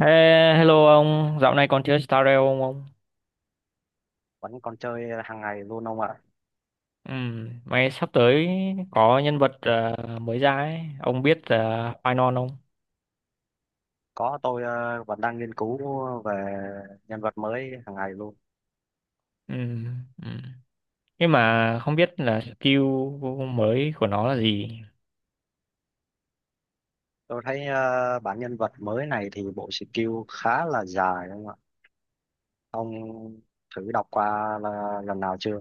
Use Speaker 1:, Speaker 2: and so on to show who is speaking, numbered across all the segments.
Speaker 1: Ê, hello ông, dạo này còn chơi Star Rail không ông?
Speaker 2: Vẫn còn chơi hàng ngày luôn ông ạ.
Speaker 1: Ừ, mấy sắp tới có nhân vật mới ra ấy, ông biết Phainon không?
Speaker 2: Có, tôi vẫn đang nghiên cứu về nhân vật mới hàng ngày luôn.
Speaker 1: Ừ, ừ. Nhưng mà không biết là skill mới của nó là gì.
Speaker 2: Tôi thấy bản nhân vật mới này thì bộ skill khá là dài không ạ? Ông thử đọc qua là lần nào chưa?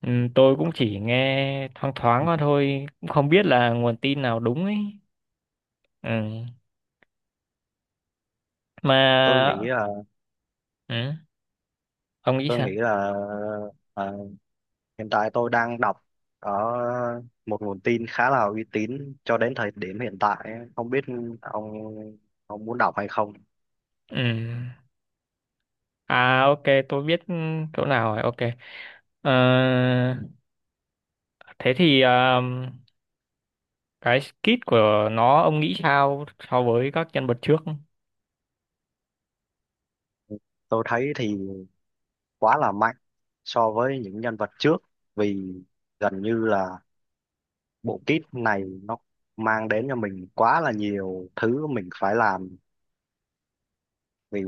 Speaker 1: Ừ, tôi cũng chỉ nghe thoáng thoáng qua thôi, cũng không biết là nguồn tin nào đúng ấy. Ừ. Mà
Speaker 2: tôi nghĩ là
Speaker 1: ừ, ông nghĩ
Speaker 2: tôi
Speaker 1: sao?
Speaker 2: nghĩ là ờ, hiện tại tôi đang đọc ở một nguồn tin khá là uy tín cho đến thời điểm hiện tại. Không biết ông ông muốn đọc hay không.
Speaker 1: Ừ. À ok, tôi biết chỗ nào rồi, ok. Ờ, thế thì... cái skit của nó ông nghĩ sao so với các nhân vật trước.
Speaker 2: Tôi thấy thì quá là mạnh so với những nhân vật trước, vì gần như là bộ kit này nó mang đến cho mình quá là nhiều thứ mình phải làm. Vì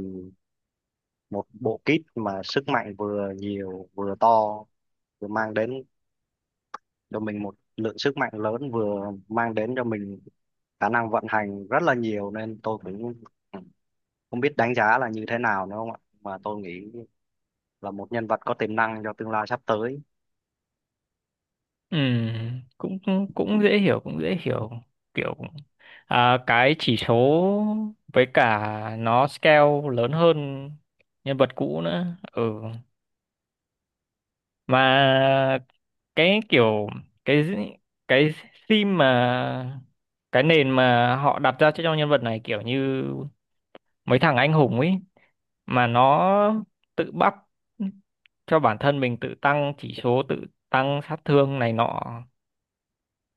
Speaker 2: một bộ kit mà sức mạnh vừa nhiều vừa to, vừa mang đến cho mình một lượng sức mạnh lớn, vừa mang đến cho mình khả năng vận hành rất là nhiều, nên tôi cũng không biết đánh giá là như thế nào nữa không ạ, mà tôi nghĩ là một nhân vật có tiềm năng cho tương lai sắp tới.
Speaker 1: Ừ, cũng cũng cũng dễ hiểu, kiểu cái chỉ số với cả nó scale lớn hơn nhân vật cũ nữa. Ừ, mà cái kiểu cái cái theme mà cái nền mà họ đặt ra cho nhân vật này kiểu như mấy thằng anh hùng ấy, mà nó tự bắt cho bản thân mình tự tăng chỉ số, tự tăng sát thương này nọ.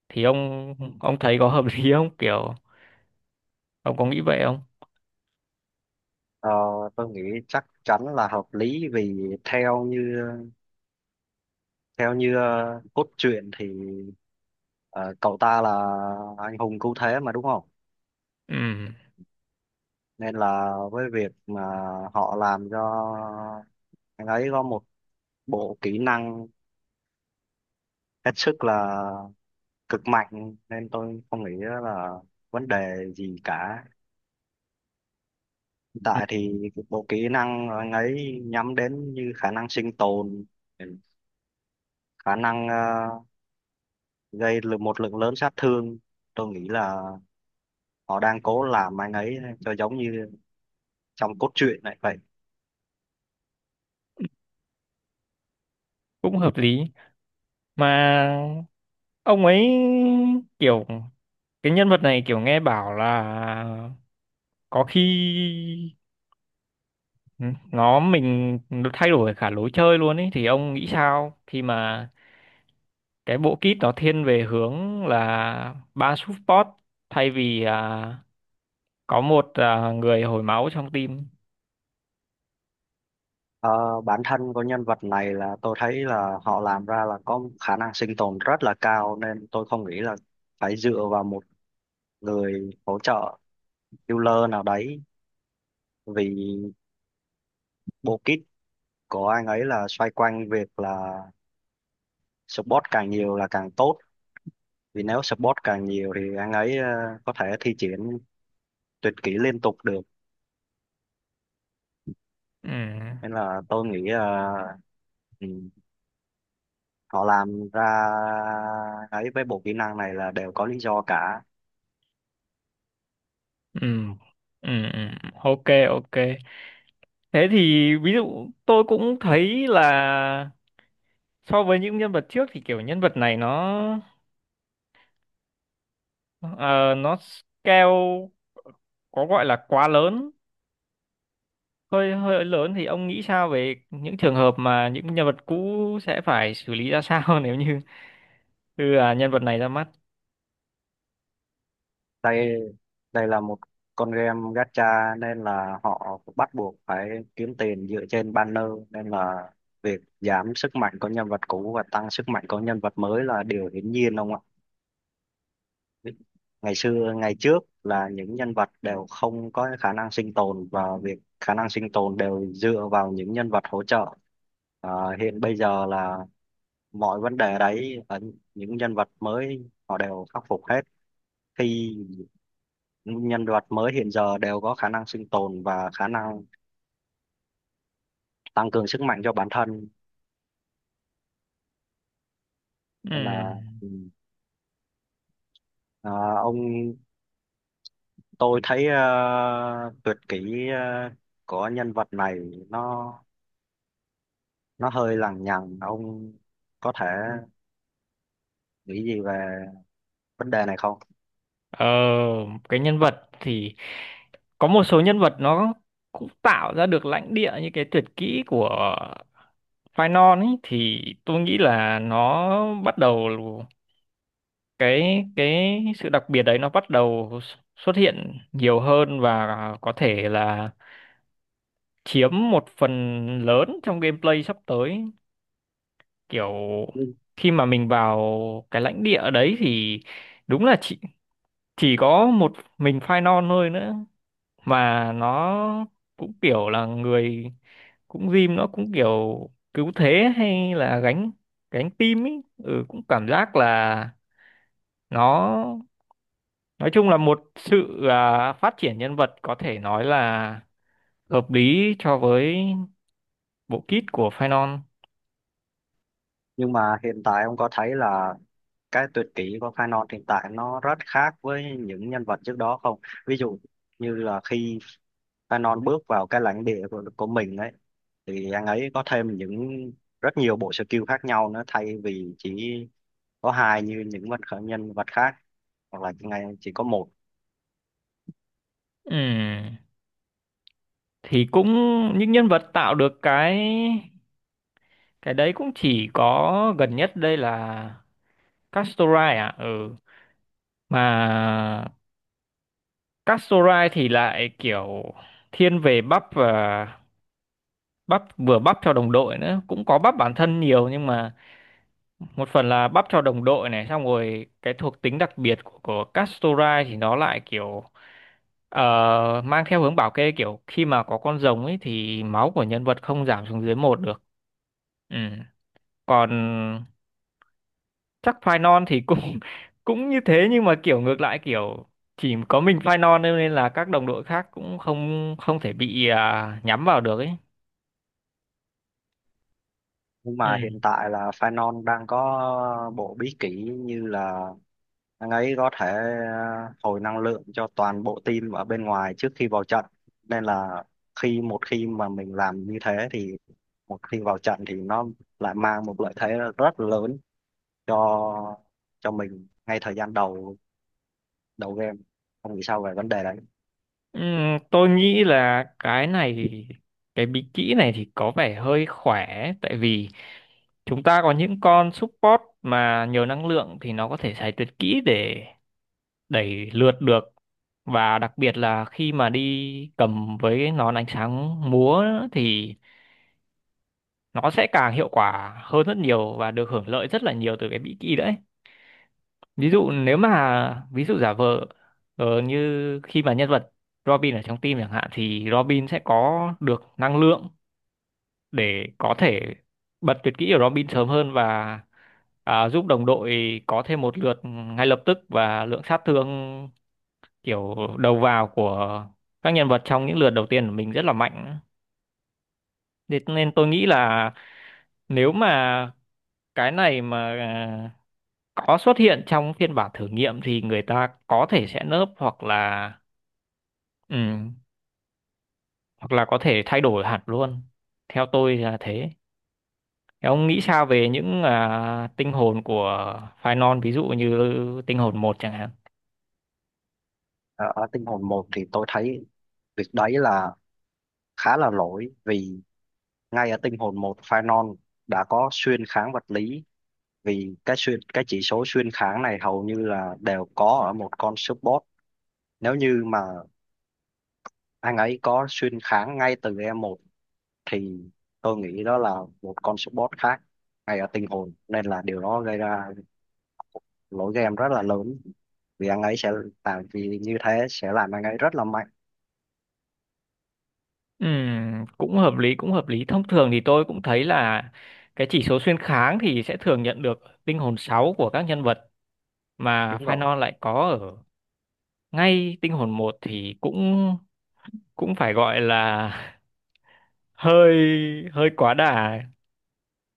Speaker 1: Thì ông thấy có hợp lý không, kiểu ông có nghĩ vậy không?
Speaker 2: Ờ, tôi nghĩ chắc chắn là hợp lý, vì theo như cốt truyện thì ờ, cậu ta là anh hùng cứu thế mà đúng không?
Speaker 1: Ừ,
Speaker 2: Nên là với việc mà họ làm cho anh ấy có một bộ kỹ năng hết sức là cực mạnh, nên tôi không nghĩ là vấn đề gì cả. Hiện
Speaker 1: ừ,
Speaker 2: tại thì cái bộ kỹ năng anh ấy nhắm đến như khả năng sinh tồn, khả năng gây lượng một lượng lớn sát thương. Tôi nghĩ là họ đang cố làm anh ấy cho giống như trong cốt truyện này vậy.
Speaker 1: cũng hợp lý. Mà ông ấy kiểu cái nhân vật này kiểu nghe bảo là có khi nó thay đổi cả lối chơi luôn ấy, thì ông nghĩ sao khi mà cái bộ kit nó thiên về hướng là ba support thay vì có một người hồi máu trong team?
Speaker 2: Ờ, Bản thân của nhân vật này là tôi thấy là họ làm ra là có khả năng sinh tồn rất là cao, nên tôi không nghĩ là phải dựa vào một người hỗ trợ healer nào đấy. Vì bộ kit của anh ấy là xoay quanh việc là support càng nhiều là càng tốt, vì nếu support càng nhiều thì anh ấy có thể thi triển tuyệt kỹ liên tục được.
Speaker 1: ừ.
Speaker 2: Nên là tôi nghĩ ừ. Họ làm ra ấy với bộ kỹ năng này là đều có lý do cả.
Speaker 1: Ừ. Ừ. ừ. Ok, ok, thế thì ví dụ tôi cũng thấy là so với những nhân vật trước thì kiểu nhân vật này nó ờ, nó scale có gọi là quá lớn, hơi hơi lớn. Thì ông nghĩ sao về những trường hợp mà những nhân vật cũ sẽ phải xử lý ra sao nếu như đưa nhân vật này ra mắt?
Speaker 2: Đây đây là một con game gacha, nên là họ bắt buộc phải kiếm tiền dựa trên banner, nên là việc giảm sức mạnh của nhân vật cũ và tăng sức mạnh của nhân vật mới là điều hiển nhiên ông ạ. Ngày xưa ngày trước là những nhân vật đều không có khả năng sinh tồn và việc khả năng sinh tồn đều dựa vào những nhân vật hỗ trợ. Hiện bây giờ là mọi vấn đề đấy và những nhân vật mới họ đều khắc phục hết, khi những nhân vật mới hiện giờ đều có khả năng sinh tồn và khả năng tăng cường sức mạnh cho bản thân. Nên là
Speaker 1: Ừm,
Speaker 2: ừ, à, ông, tôi thấy tuyệt kỹ của nhân vật này nó nó hơi lằng nhằng. Ông có thể nghĩ gì về vấn đề này không?
Speaker 1: ờ, cái nhân vật thì có một số nhân vật nó cũng tạo ra được lãnh địa như cái tuyệt kỹ của Phainon ấy, thì tôi nghĩ là nó bắt đầu cái sự đặc biệt đấy, nó bắt đầu xuất hiện nhiều hơn và có thể là chiếm một phần lớn trong gameplay sắp tới. Kiểu khi mà mình vào cái lãnh địa đấy thì đúng là chỉ có một mình Phainon thôi nữa, mà nó cũng kiểu là người, cũng Jim nó cũng kiểu cứu thế hay là gánh gánh team ấy. Ừ, cũng cảm giác là nó nói chung là một sự phát triển nhân vật có thể nói là hợp lý cho với bộ kit của Phainon.
Speaker 2: Nhưng mà hiện tại ông có thấy là cái tuyệt kỹ của Canon hiện tại nó rất khác với những nhân vật trước đó không? Ví dụ như là khi Canon bước vào cái lãnh địa của mình ấy thì anh ấy có thêm những rất nhiều bộ skill khác nhau nữa, thay vì chỉ có hai như những vật khởi nhân vật khác, hoặc là ngày chỉ có một.
Speaker 1: Ừ, thì cũng những nhân vật tạo được cái đấy cũng chỉ có gần nhất đây là Castorai à. Ừ, mà Castorai thì lại kiểu thiên về bắp, và bắp vừa bắp cho đồng đội nữa, cũng có bắp bản thân nhiều, nhưng mà một phần là bắp cho đồng đội này. Xong rồi cái thuộc tính đặc biệt của Castorai thì nó lại kiểu ờ, mang theo hướng bảo kê, kiểu khi mà có con rồng ấy thì máu của nhân vật không giảm xuống dưới một được. Ừ, còn chắc phai non thì cũng cũng như thế, nhưng mà kiểu ngược lại, kiểu chỉ có mình phai non thôi, nên là các đồng đội khác cũng không không thể bị nhắm vào được ấy.
Speaker 2: Nhưng mà hiện
Speaker 1: Ừ.
Speaker 2: tại là Phanon đang có bộ bí kỷ như là anh ấy có thể hồi năng lượng cho toàn bộ team ở bên ngoài trước khi vào trận. Nên là khi một khi mà mình làm như thế thì một khi vào trận thì nó lại mang một lợi thế rất lớn cho cho mình ngay thời gian đầu đầu game, không nghĩ sao về vấn đề đấy?
Speaker 1: Ừ, tôi nghĩ là cái này cái bí kỹ này thì có vẻ hơi khỏe, tại vì chúng ta có những con support mà nhiều năng lượng thì nó có thể xài tuyệt kỹ để đẩy lượt được. Và đặc biệt là khi mà đi cầm với nón ánh sáng múa thì nó sẽ càng hiệu quả hơn rất nhiều, và được hưởng lợi rất là nhiều từ cái Mỹ Ki đấy. Ví dụ nếu mà ví dụ giả vờ như khi mà nhân vật Robin ở trong team chẳng hạn, thì Robin sẽ có được năng lượng để có thể bật tuyệt kỹ của Robin sớm hơn và giúp đồng đội có thêm một lượt ngay lập tức, và lượng sát thương kiểu đầu vào của các nhân vật trong những lượt đầu tiên của mình rất là mạnh. Thế nên tôi nghĩ là nếu mà cái này mà có xuất hiện trong phiên bản thử nghiệm thì người ta có thể sẽ nớp, hoặc là ừ, hoặc là có thể thay đổi hẳn luôn. Theo tôi là thế. Thế ông nghĩ sao về những tinh hồn của Phainon, ví dụ như tinh hồn một chẳng hạn?
Speaker 2: Ờ, Ở tinh hồn một thì tôi thấy việc đấy là khá là lỗi, vì ngay ở tinh hồn một Phainon đã có xuyên kháng vật lý. Vì cái chỉ số xuyên kháng này hầu như là đều có ở một con support. Nếu như mà anh ấy có xuyên kháng ngay từ e một thì tôi nghĩ đó là một con support khác ngay ở tinh hồn, nên là điều đó gây ra lỗi game rất là lớn, vì anh ấy sẽ vì như thế sẽ làm anh ấy rất là mạnh.
Speaker 1: Cũng hợp lý, cũng hợp lý. Thông thường thì tôi cũng thấy là cái chỉ số xuyên kháng thì sẽ thường nhận được tinh hồn 6 của các nhân vật, mà
Speaker 2: đúng rồi
Speaker 1: Phainon lại có ngay tinh hồn một, thì cũng cũng phải gọi là hơi hơi quá đà.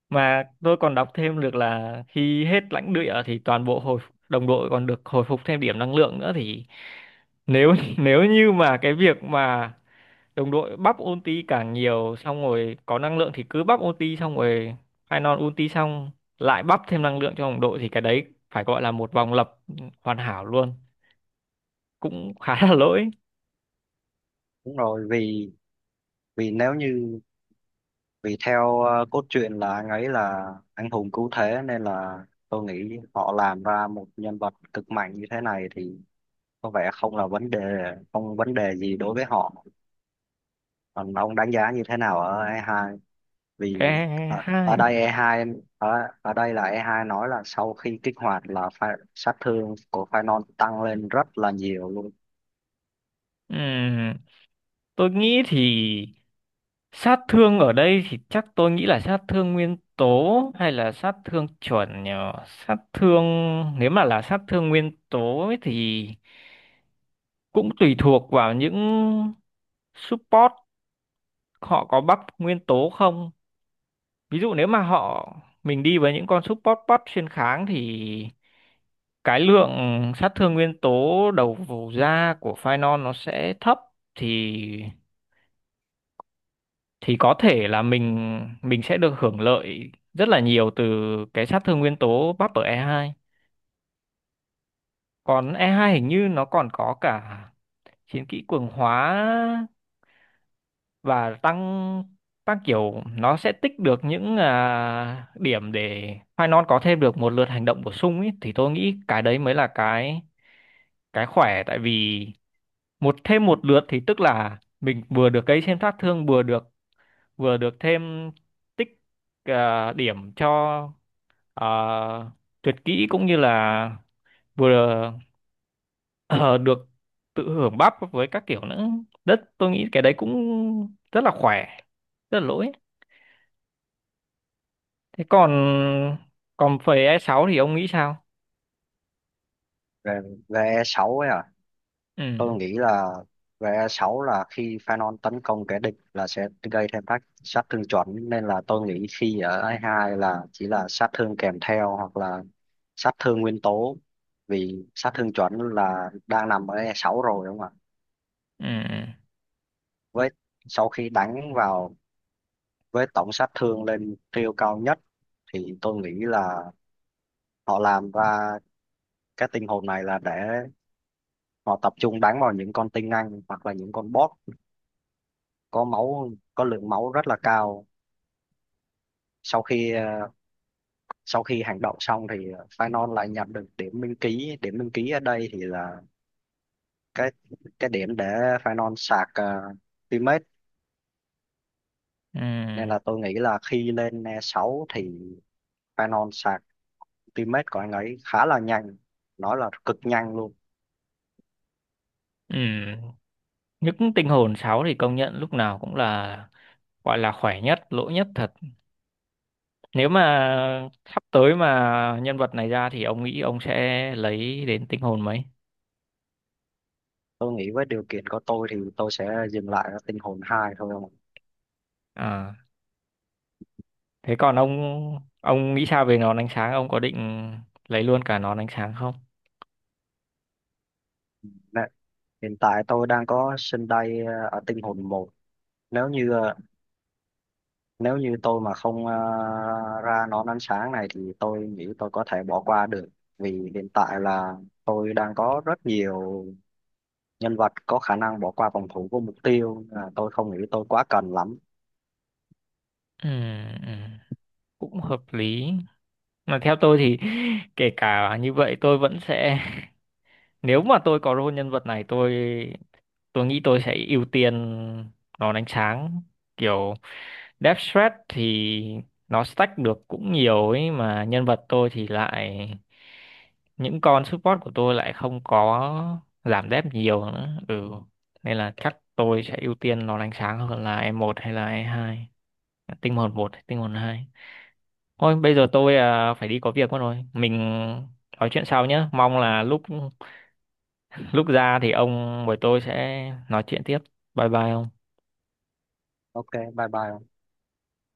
Speaker 1: Mà tôi còn đọc thêm được là khi hết lãnh địa thì toàn bộ hồi đồng đội còn được hồi phục thêm điểm năng lượng nữa, thì nếu nếu như mà cái việc mà đồng đội bắp ulti càng nhiều, xong rồi có năng lượng thì cứ bắp ulti xong rồi final ulti xong lại bắp thêm năng lượng cho đồng đội, thì cái đấy phải gọi là một vòng lập hoàn hảo luôn, cũng khá là lỗi.
Speaker 2: đúng rồi vì vì nếu như vì theo cốt truyện là anh ấy là anh hùng cứu thế, nên là tôi nghĩ họ làm ra một nhân vật cực mạnh như thế này thì có vẻ không là vấn đề, không vấn đề gì đối với họ. Còn ông đánh giá như thế nào ở E2? Vì
Speaker 1: E hai:
Speaker 2: ở đây E2 ở ở đây là E2 nói là sau khi kích hoạt là sát thương của Phanon tăng lên rất là nhiều luôn.
Speaker 1: ừm, tôi nghĩ thì sát thương ở đây thì chắc tôi nghĩ là sát thương nguyên tố hay là sát thương chuẩn nhờ. Sát thương, nếu mà là sát thương nguyên tố ấy thì cũng tùy thuộc vào những support họ có buff nguyên tố không. Ví dụ nếu mà mình đi với những con support buff xuyên kháng thì cái lượng sát thương nguyên tố đầu vào ra của Phainon nó sẽ thấp, thì thì có thể là mình sẽ được hưởng lợi rất là nhiều từ cái sát thương nguyên tố bắp ở E2. Còn E2 hình như nó còn có cả chiến kỹ cường hóa và tăng tăng kiểu nó sẽ tích được những điểm để Phainon có thêm được một lượt hành động bổ sung ấy, thì tôi nghĩ cái đấy mới là cái khỏe. Tại vì thêm một lượt thì tức là mình vừa được gây thêm sát thương, vừa được thêm tích điểm cho à, tuyệt kỹ, cũng như là vừa ờ, được tự hưởng bắp với các kiểu nữa. Đất tôi nghĩ cái đấy cũng rất là khỏe, rất là lỗi. Thế còn còn phẩy E6 thì ông nghĩ sao?
Speaker 2: Về, về E6 ấy à?
Speaker 1: ừ
Speaker 2: Tôi nghĩ là về E6 là khi Phanon tấn công kẻ địch là sẽ gây thêm tác sát thương chuẩn, nên là tôi nghĩ khi ở E2 là chỉ là sát thương kèm theo hoặc là sát thương nguyên tố, vì sát thương chuẩn là đang nằm ở E6 rồi đúng không ạ?
Speaker 1: ừ
Speaker 2: Với sau khi đánh vào với tổng sát thương lên tiêu cao nhất thì tôi nghĩ là họ làm ra cái tinh hồn này là để họ tập trung đánh vào những con tinh anh hoặc là những con boss có máu có lượng máu rất là cao. sau khi ờ, Sau khi hành động xong thì Phainon lại nhận được điểm minh ký. Điểm minh ký ở đây thì là cái cái điểm để Phainon sạc teammate.
Speaker 1: ừ
Speaker 2: Nên là tôi nghĩ là khi lên e 6 thì Phainon sạc teammate của anh ấy khá là nhanh, nói là cực nhanh luôn.
Speaker 1: ừ Những tinh hồn sáu thì công nhận lúc nào cũng là gọi là khỏe nhất, lỗi nhất thật. Nếu mà sắp tới mà nhân vật này ra thì ông nghĩ ông sẽ lấy đến tinh hồn mấy?
Speaker 2: Tôi nghĩ với điều kiện của tôi thì tôi sẽ dừng lại ở tinh hồn 2 thôi không ạ?
Speaker 1: À, thế còn ông nghĩ sao về nón ánh sáng? Ông có định lấy luôn cả nón ánh sáng không?
Speaker 2: Nè, hiện tại tôi đang có sân đây ở tinh hồn một. nếu như ờ, Nếu như tôi mà không ra nón ánh sáng này thì tôi nghĩ tôi có thể bỏ qua được, vì hiện tại là tôi đang có rất nhiều nhân vật có khả năng bỏ qua phòng thủ của mục tiêu, tôi không nghĩ tôi quá cần lắm.
Speaker 1: Ừ, ừ, cũng hợp lý. Mà theo tôi thì kể cả như vậy tôi vẫn sẽ, nếu mà tôi có role nhân vật này, tôi nghĩ tôi sẽ ưu tiên nó đánh sáng. Kiểu Death Threat thì nó stack được cũng nhiều ấy, mà nhân vật tôi thì lại những con support của tôi lại không có giảm dev nhiều nữa. Ừ, nên là chắc tôi sẽ ưu tiên nó đánh sáng hơn là e một hay là e hai, tinh hồn một hay tinh hồn hai. Thôi bây giờ tôi phải đi có việc mất rồi, mình nói chuyện sau nhé. Mong là lúc lúc ra thì ông với tôi sẽ nói chuyện tiếp. Bye bye ông.
Speaker 2: Ok, bye bye.